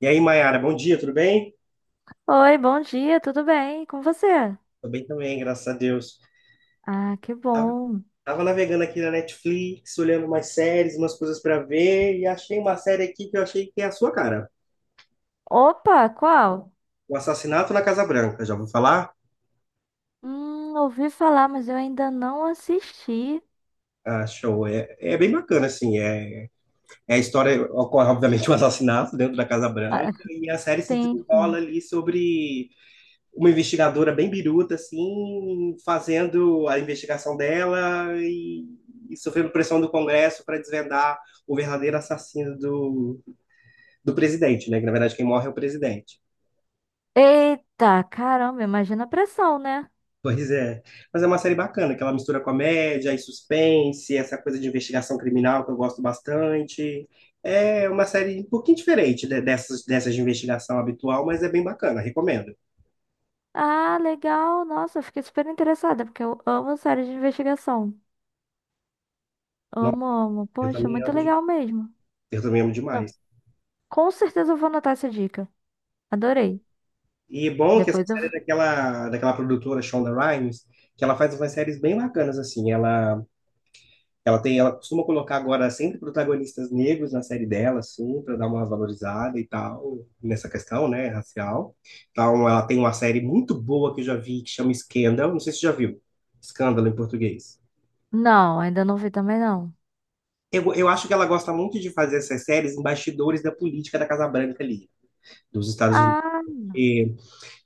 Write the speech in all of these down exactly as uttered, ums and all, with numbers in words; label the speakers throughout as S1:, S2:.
S1: E aí, Mayara, bom dia, tudo bem?
S2: Oi, bom dia, tudo bem? Com você?
S1: Tô bem também, graças a Deus.
S2: Ah, que
S1: Tava,
S2: bom.
S1: tava navegando aqui na Netflix, olhando umas séries, umas coisas para ver, e achei uma série aqui que eu achei que é a sua cara.
S2: Opa, qual?
S1: O Assassinato na Casa Branca, já vou falar?
S2: Hum, ouvi falar, mas eu ainda não assisti.
S1: Ah, show. É, é bem bacana, assim. É, é a história, ocorre obviamente um assassinato dentro da Casa
S2: Ah,
S1: Branca, e a série se
S2: tem.
S1: desenrola
S2: Sim.
S1: ali sobre uma investigadora bem biruta, assim, fazendo a investigação dela e, e sofrendo pressão do Congresso para desvendar o verdadeiro assassino do, do presidente, né? Que na verdade quem morre é o presidente.
S2: Eita, caramba, imagina a pressão, né?
S1: Pois é. Mas é uma série bacana, que ela mistura comédia e suspense, essa coisa de investigação criminal que eu gosto bastante. É uma série um pouquinho diferente de- dessas, dessas de investigação habitual, mas é bem bacana, recomendo.
S2: Ah, legal. Nossa, eu fiquei super interessada, porque eu amo séries de investigação.
S1: Nossa,
S2: Amo, amo.
S1: eu
S2: Poxa,
S1: também
S2: muito
S1: amo,
S2: legal mesmo.
S1: eu também amo
S2: Não,
S1: demais.
S2: com certeza eu vou anotar essa dica. Adorei.
S1: E bom que essa
S2: Depois eu.
S1: série é daquela, daquela produtora Shonda Rhimes, que ela faz umas séries bem bacanas, assim. Ela, ela tem, ela costuma colocar agora sempre protagonistas negros na série dela, assim, para dar uma valorizada e tal, nessa questão, né, racial. Então, ela tem uma série muito boa que eu já vi, que chama Scandal. Não sei se você já viu. Escândalo em português.
S2: Não, ainda não vi também não.
S1: Eu, eu acho que ela gosta muito de fazer essas séries em bastidores da política da Casa Branca ali, dos Estados Unidos.
S2: Ah,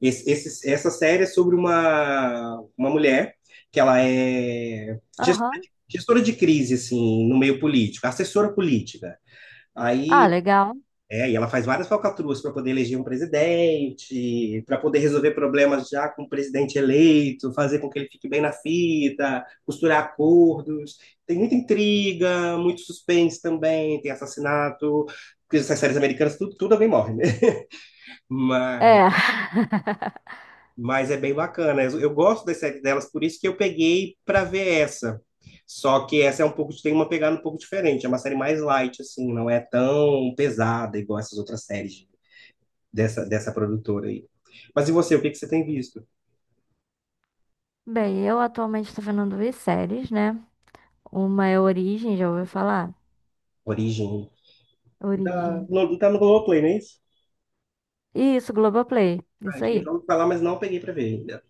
S1: Esse, esse- essa série é sobre uma, uma mulher que ela é gestora
S2: aham.
S1: de, gestora de crise, assim, no meio político, assessora política.
S2: Ah,
S1: Aí,
S2: legal.
S1: é, e ela faz várias falcatruas para poder eleger um presidente, para poder resolver problemas já com o presidente eleito, fazer com que ele fique bem na fita, costurar acordos. Tem muita intriga, muito suspense também, tem assassinato, porque essas séries americanas tudo, tudo alguém morre, né? Mas
S2: É.
S1: Mas é bem bacana. Eu, eu gosto das séries delas, por isso que eu peguei para ver essa. Só que essa é um pouco, tem uma pegada um pouco diferente. É uma série mais light, assim, não é tão pesada igual essas outras séries dessa, dessa produtora aí. Mas e você, o que que você tem visto?
S2: Bem, eu atualmente estou vendo duas séries, né? Uma é Origem, já ouviu falar?
S1: Origem. Tá
S2: Origem.
S1: no, tá no Globoplay, não é isso?
S2: Isso, Globoplay.
S1: Ah,
S2: Isso
S1: eu já
S2: aí.
S1: ouvi falar, mas não peguei para ver ainda.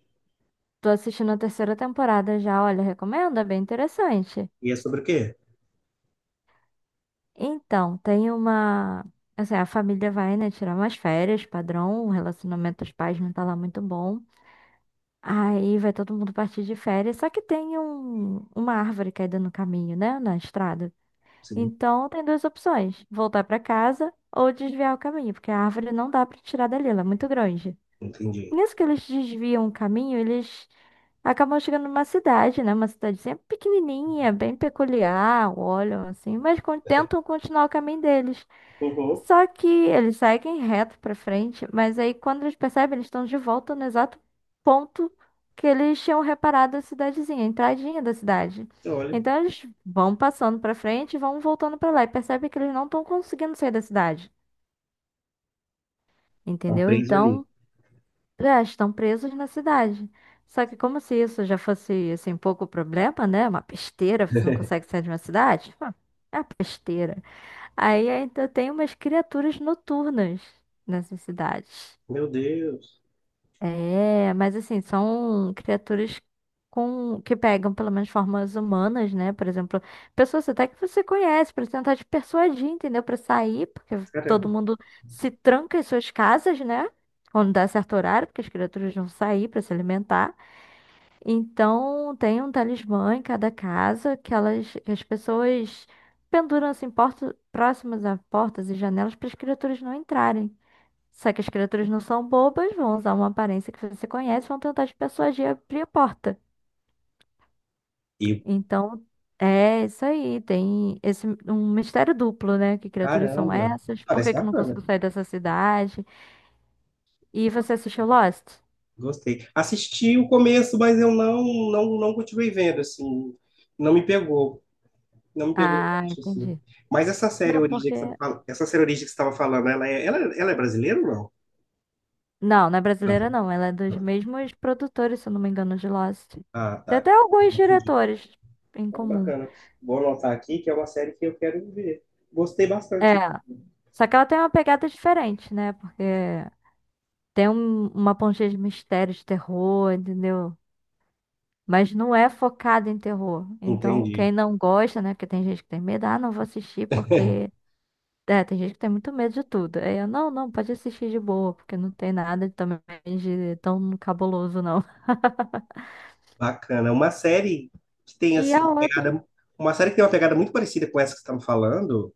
S2: Tô assistindo a terceira temporada já, olha, recomendo, é bem interessante.
S1: E é sobre o quê?
S2: Então, tem uma. Assim, a família vai, né, tirar umas férias, padrão, o relacionamento dos pais não tá lá muito bom. Aí vai todo mundo partir de férias, só que tem um, uma árvore caída no caminho, né, na estrada.
S1: Sim,
S2: Então, tem duas opções: voltar para casa ou desviar o caminho, porque a árvore não dá para tirar dali, ela é muito grande.
S1: entendi.
S2: Nisso que eles desviam o caminho, eles acabam chegando numa cidade, né? Uma cidadezinha pequenininha, bem peculiar, olham assim, mas con- tentam continuar o caminho deles.
S1: Uhum.
S2: Só que eles seguem reto pra frente, mas aí quando eles percebem, eles estão de volta no exato ponto que eles tinham reparado a cidadezinha, a entradinha da cidade.
S1: Olha,
S2: Então eles vão passando pra frente e vão voltando pra lá e percebem que eles não estão conseguindo sair da cidade,
S1: estão
S2: entendeu?
S1: presos ali.
S2: Então é, estão presos na cidade. Só que como se isso já fosse, assim, um pouco problema, né? Uma besteira, você não consegue sair de uma cidade. Hum, É uma besteira. Aí ainda tem umas criaturas noturnas nessas cidades.
S1: Meu Deus.
S2: É, mas assim, são criaturas com que pegam pelo menos formas humanas, né? Por exemplo, pessoas até que você conhece para tentar te persuadir, entendeu? Para sair, porque todo
S1: Caramba.
S2: mundo se tranca em suas casas, né? Quando dá certo horário, porque as criaturas vão sair para se alimentar. Então, tem um talismã em cada casa que elas, que as pessoas penduram assim portas próximas a portas e janelas para as criaturas não entrarem. Só que as criaturas não são bobas, vão usar uma aparência que você conhece, e vão tentar te persuadir a abrir a porta.
S1: E,
S2: Então, é isso aí. Tem esse um mistério duplo, né? Que criaturas são
S1: Caramba.
S2: essas? Por
S1: Parece
S2: que que eu não
S1: bacana.
S2: consigo sair dessa cidade? E você assistiu Lost?
S1: Gostei. Assisti o começo, mas eu não, não, não continuei vendo, assim. Não me pegou. Não me pegou,
S2: Ah,
S1: tanto, assim.
S2: entendi.
S1: Mas essa série
S2: Não,
S1: Origem
S2: porque.
S1: que você tava fal- essa série Origem que você estava falando, ela é, ela, ela é brasileira ou não?
S2: Não, não é brasileira,
S1: André?
S2: não. Ela é dos
S1: Não.
S2: mesmos produtores, se eu não me engano, de Lost.
S1: Ah,
S2: Tem
S1: tá.
S2: até alguns
S1: Confundi.
S2: diretores em
S1: Então,
S2: comum.
S1: bacana. Vou anotar aqui que é uma série que eu quero ver. Gostei
S2: É.
S1: bastante.
S2: Só que ela tem uma pegada diferente, né? Porque tem um- uma pontinha de mistério, de terror, entendeu? Mas não é focado em terror. Então,
S1: Entendi.
S2: quem não gosta, né? Porque tem gente que tem medo, ah, não vou assistir porque. É, tem gente que tem muito medo de tudo. Aí eu, não, não, pode assistir de boa, porque não tem nada também de tão cabuloso, não.
S1: Bacana. Uma série que tem,
S2: E
S1: assim,
S2: a
S1: uma
S2: outra.
S1: pegada... Uma série que tem uma pegada muito parecida com essa que você está me falando.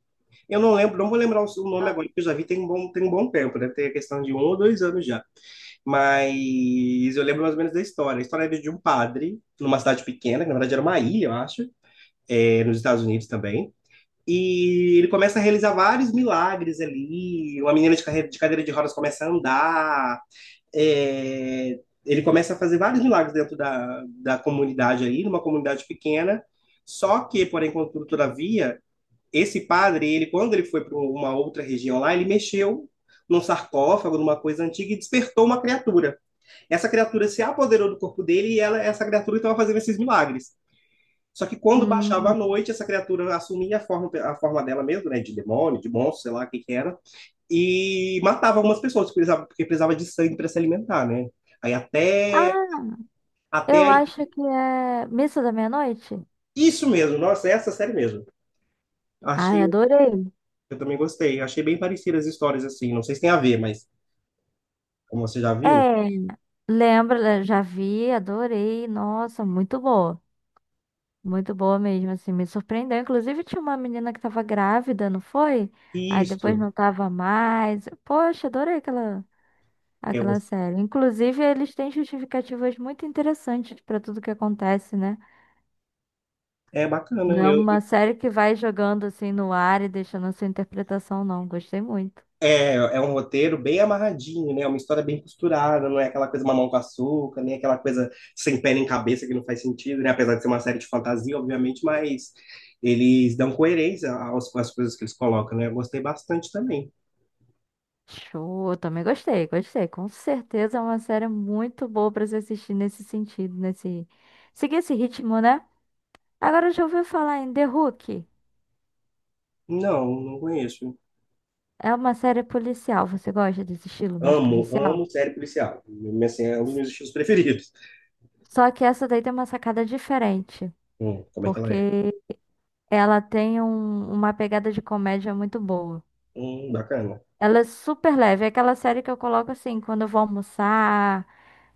S1: Eu não lembro, não vou lembrar o o nome agora, porque eu já vi tem um bom, tem um bom tempo, deve ter questão de um ou dois anos já. Mas eu lembro mais ou menos da história. A história era de um padre, numa cidade pequena, que na verdade era uma ilha, eu acho, é, nos Estados Unidos também. E ele começa a realizar vários milagres ali. Uma menina de, carreira, de cadeira de rodas começa a andar. é, ele começa a fazer vários milagres dentro da, da comunidade ali, numa comunidade pequena. Só que, porém, contudo, todavia, esse padre, ele quando ele foi para uma outra região lá, ele mexeu num sarcófago, numa coisa antiga, e despertou uma criatura. Essa criatura se apoderou do corpo dele e ela, essa criatura estava fazendo esses milagres. Só que quando baixava a
S2: Hum,
S1: noite, essa criatura assumia a forma, a forma dela mesmo, né? De demônio, de monstro, sei lá o que, que era. E matava algumas pessoas, porque precisava, porque precisava de sangue para se alimentar, né? Aí até,
S2: ah,
S1: até
S2: eu
S1: aí.
S2: acho que é Missa da Meia-Noite.
S1: Isso mesmo, nossa, essa série mesmo. Achei,
S2: Ai, adorei.
S1: eu também gostei. Achei bem parecidas as histórias, assim. Não sei se tem a ver, mas. Como você já
S2: É,
S1: viu?
S2: lembra, já vi, adorei. Nossa, muito boa. Muito boa mesmo, assim, me surpreendeu. Inclusive, tinha uma menina que tava grávida, não foi? Aí depois
S1: Isso.
S2: não tava mais. Poxa, adorei aquela,
S1: Eu-
S2: aquela série. Inclusive, eles têm justificativas muito interessantes pra tudo que acontece, né?
S1: é
S2: Não
S1: bacana.
S2: é
S1: Eu,
S2: uma série que vai jogando assim no ar e deixando a sua interpretação, não. Gostei muito.
S1: é, é um roteiro bem amarradinho, né? É uma história bem costurada, não é aquela coisa mamão com açúcar, nem aquela coisa sem pé nem cabeça que não faz sentido, né? Apesar de ser uma série de fantasia, obviamente, mas eles dão coerência aos- às coisas que eles colocam, né? Eu gostei bastante também.
S2: Show, também gostei, gostei. Com certeza é uma série muito boa pra se assistir nesse sentido, nesse. Seguir esse ritmo, né? Agora já ouviu falar em The Hook.
S1: Não, não conheço.
S2: É uma série policial. Você gosta desse estilo mais
S1: Amo,
S2: policial?
S1: amo série policial. Assim, é um dos meus estilos preferidos.
S2: Só que essa daí tem uma sacada diferente,
S1: Hum, como é que ela é?
S2: porque ela tem um- uma pegada de comédia muito boa.
S1: Hum, bacana.
S2: Ela é super leve, é aquela série que eu coloco assim, quando eu vou almoçar,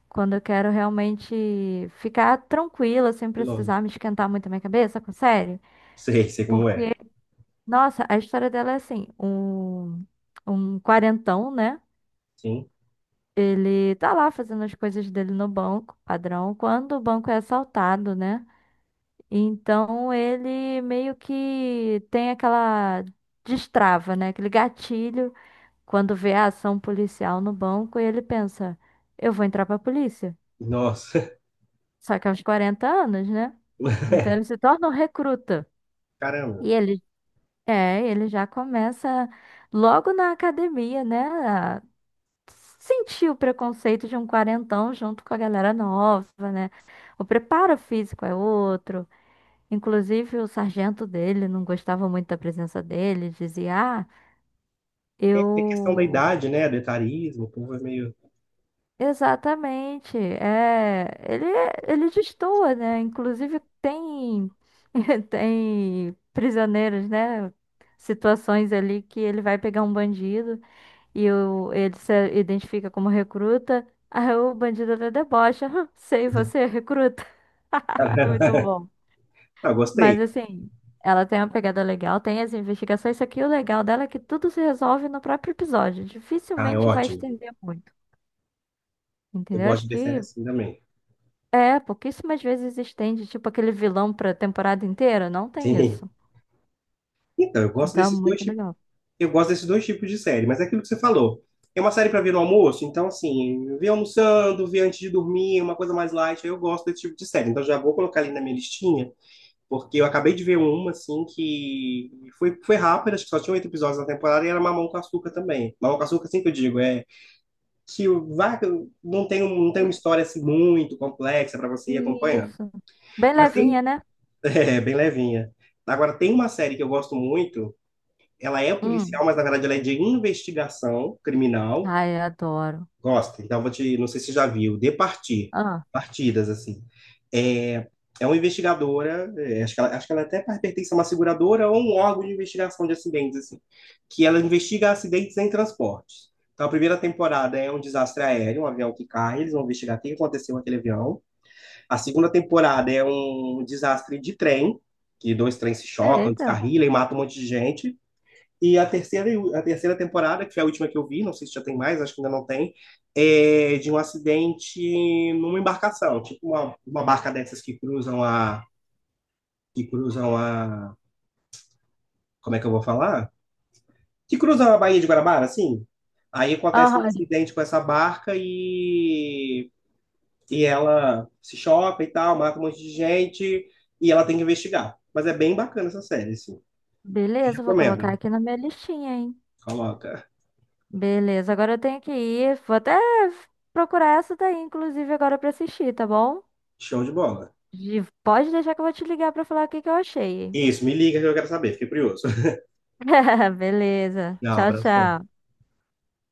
S2: quando eu quero realmente ficar tranquila, sem
S1: Que louco.
S2: precisar me esquentar muito a minha cabeça com série.
S1: Sei, sei como é.
S2: Porque, nossa, a história dela é assim, um, um quarentão, né?
S1: Sim.
S2: Ele tá lá fazendo as coisas dele no banco, padrão, quando o banco é assaltado, né? Então ele meio que tem aquela destrava, né? Aquele gatilho quando vê a ação policial no banco e ele pensa, eu vou entrar pra polícia.
S1: Nossa,
S2: Só que aos quarenta anos, né? Então ele se torna um recruta.
S1: caramba.
S2: E ele é, ele já começa logo na academia, né? Sentir o preconceito de um quarentão junto com a galera nova, né? O preparo físico é outro. Inclusive, o sargento dele não gostava muito da presença dele, dizia: "Ah,
S1: É, tem questão da
S2: eu."
S1: idade, né? Do etarismo, o povo é meio.
S2: Exatamente, é. Ele, é, ele destoa, né? Inclusive, tem. Tem prisioneiros, né? Situações ali que ele vai pegar um bandido. E o, ele se identifica como recruta. Aí o bandido até debocha. "Hã, sei, você é recruta." Muito bom.
S1: Ah,
S2: Mas
S1: gostei.
S2: assim, ela tem uma pegada legal, tem as investigações, só que o legal dela é que tudo se resolve no próprio episódio.
S1: Ah, é
S2: Dificilmente vai
S1: ótimo.
S2: estender muito.
S1: Eu
S2: Entendeu?
S1: gosto
S2: Acho
S1: de ver série
S2: que
S1: assim também.
S2: é, pouquíssimas vezes estende, tipo aquele vilão pra temporada inteira. Não tem
S1: Sim.
S2: isso.
S1: Então, eu gosto
S2: Então é
S1: desses dois
S2: muito
S1: tipos,
S2: legal.
S1: eu gosto desses dois tipos de série, mas é aquilo que você falou. É uma série para ver no almoço, então assim, ver almoçando, ver antes de dormir, uma coisa mais light, eu gosto desse tipo de série. Então já vou colocar ali na minha listinha, porque eu acabei de ver uma assim que foi, foi rápida, acho que só tinha oito episódios na temporada e era Mamão com Açúcar também. Mamão com Açúcar, assim que eu digo, é que o Vaca não tem, um- não tem uma história assim muito complexa para você ir acompanhando.
S2: Isso. Bem
S1: Mas
S2: levinha,
S1: tem,
S2: né?
S1: é, bem levinha. Agora, tem uma série que eu gosto muito, ela é
S2: Hum.
S1: policial, mas na verdade ela é de investigação criminal.
S2: Ai, eu adoro.
S1: Gosta? Então, vou te, não sei se você já viu, De Partir,
S2: Ah,
S1: Partidas, assim. É, é uma investigadora, é, acho que ela, acho que ela até pertence a uma seguradora ou um órgão de investigação de acidentes, assim, que ela investiga acidentes em transportes. Então, a primeira temporada é um desastre aéreo, um avião que cai, eles vão investigar o que aconteceu com aquele avião. A segunda temporada é um desastre de trem, que dois trens se chocam,
S2: eita.
S1: descarrilam e matam um monte de gente. E a terceira, a terceira temporada, que é a última que eu vi, não sei se já tem mais, acho que ainda não tem, é de um acidente numa embarcação, tipo uma, uma barca dessas que cruzam a. que cruzam a. Como é que eu vou falar? Que cruzam a Baía de Guarabara, assim. Aí acontece um
S2: Aham,
S1: acidente com essa barca e, e ela se choca e tal, mata um monte de gente e ela tem que investigar. Mas é bem bacana essa série, assim. Te
S2: beleza, vou colocar
S1: recomendo.
S2: aqui na minha listinha, hein?
S1: Coloca.
S2: Beleza, agora eu tenho que ir. Vou até procurar essa daí, inclusive, agora pra assistir, tá bom?
S1: Show de bola.
S2: De- Pode deixar que eu vou te ligar pra falar o que que eu achei.
S1: Isso, me liga que eu quero saber, fiquei curioso.
S2: Beleza.
S1: Não,
S2: Tchau,
S1: abração.
S2: tchau.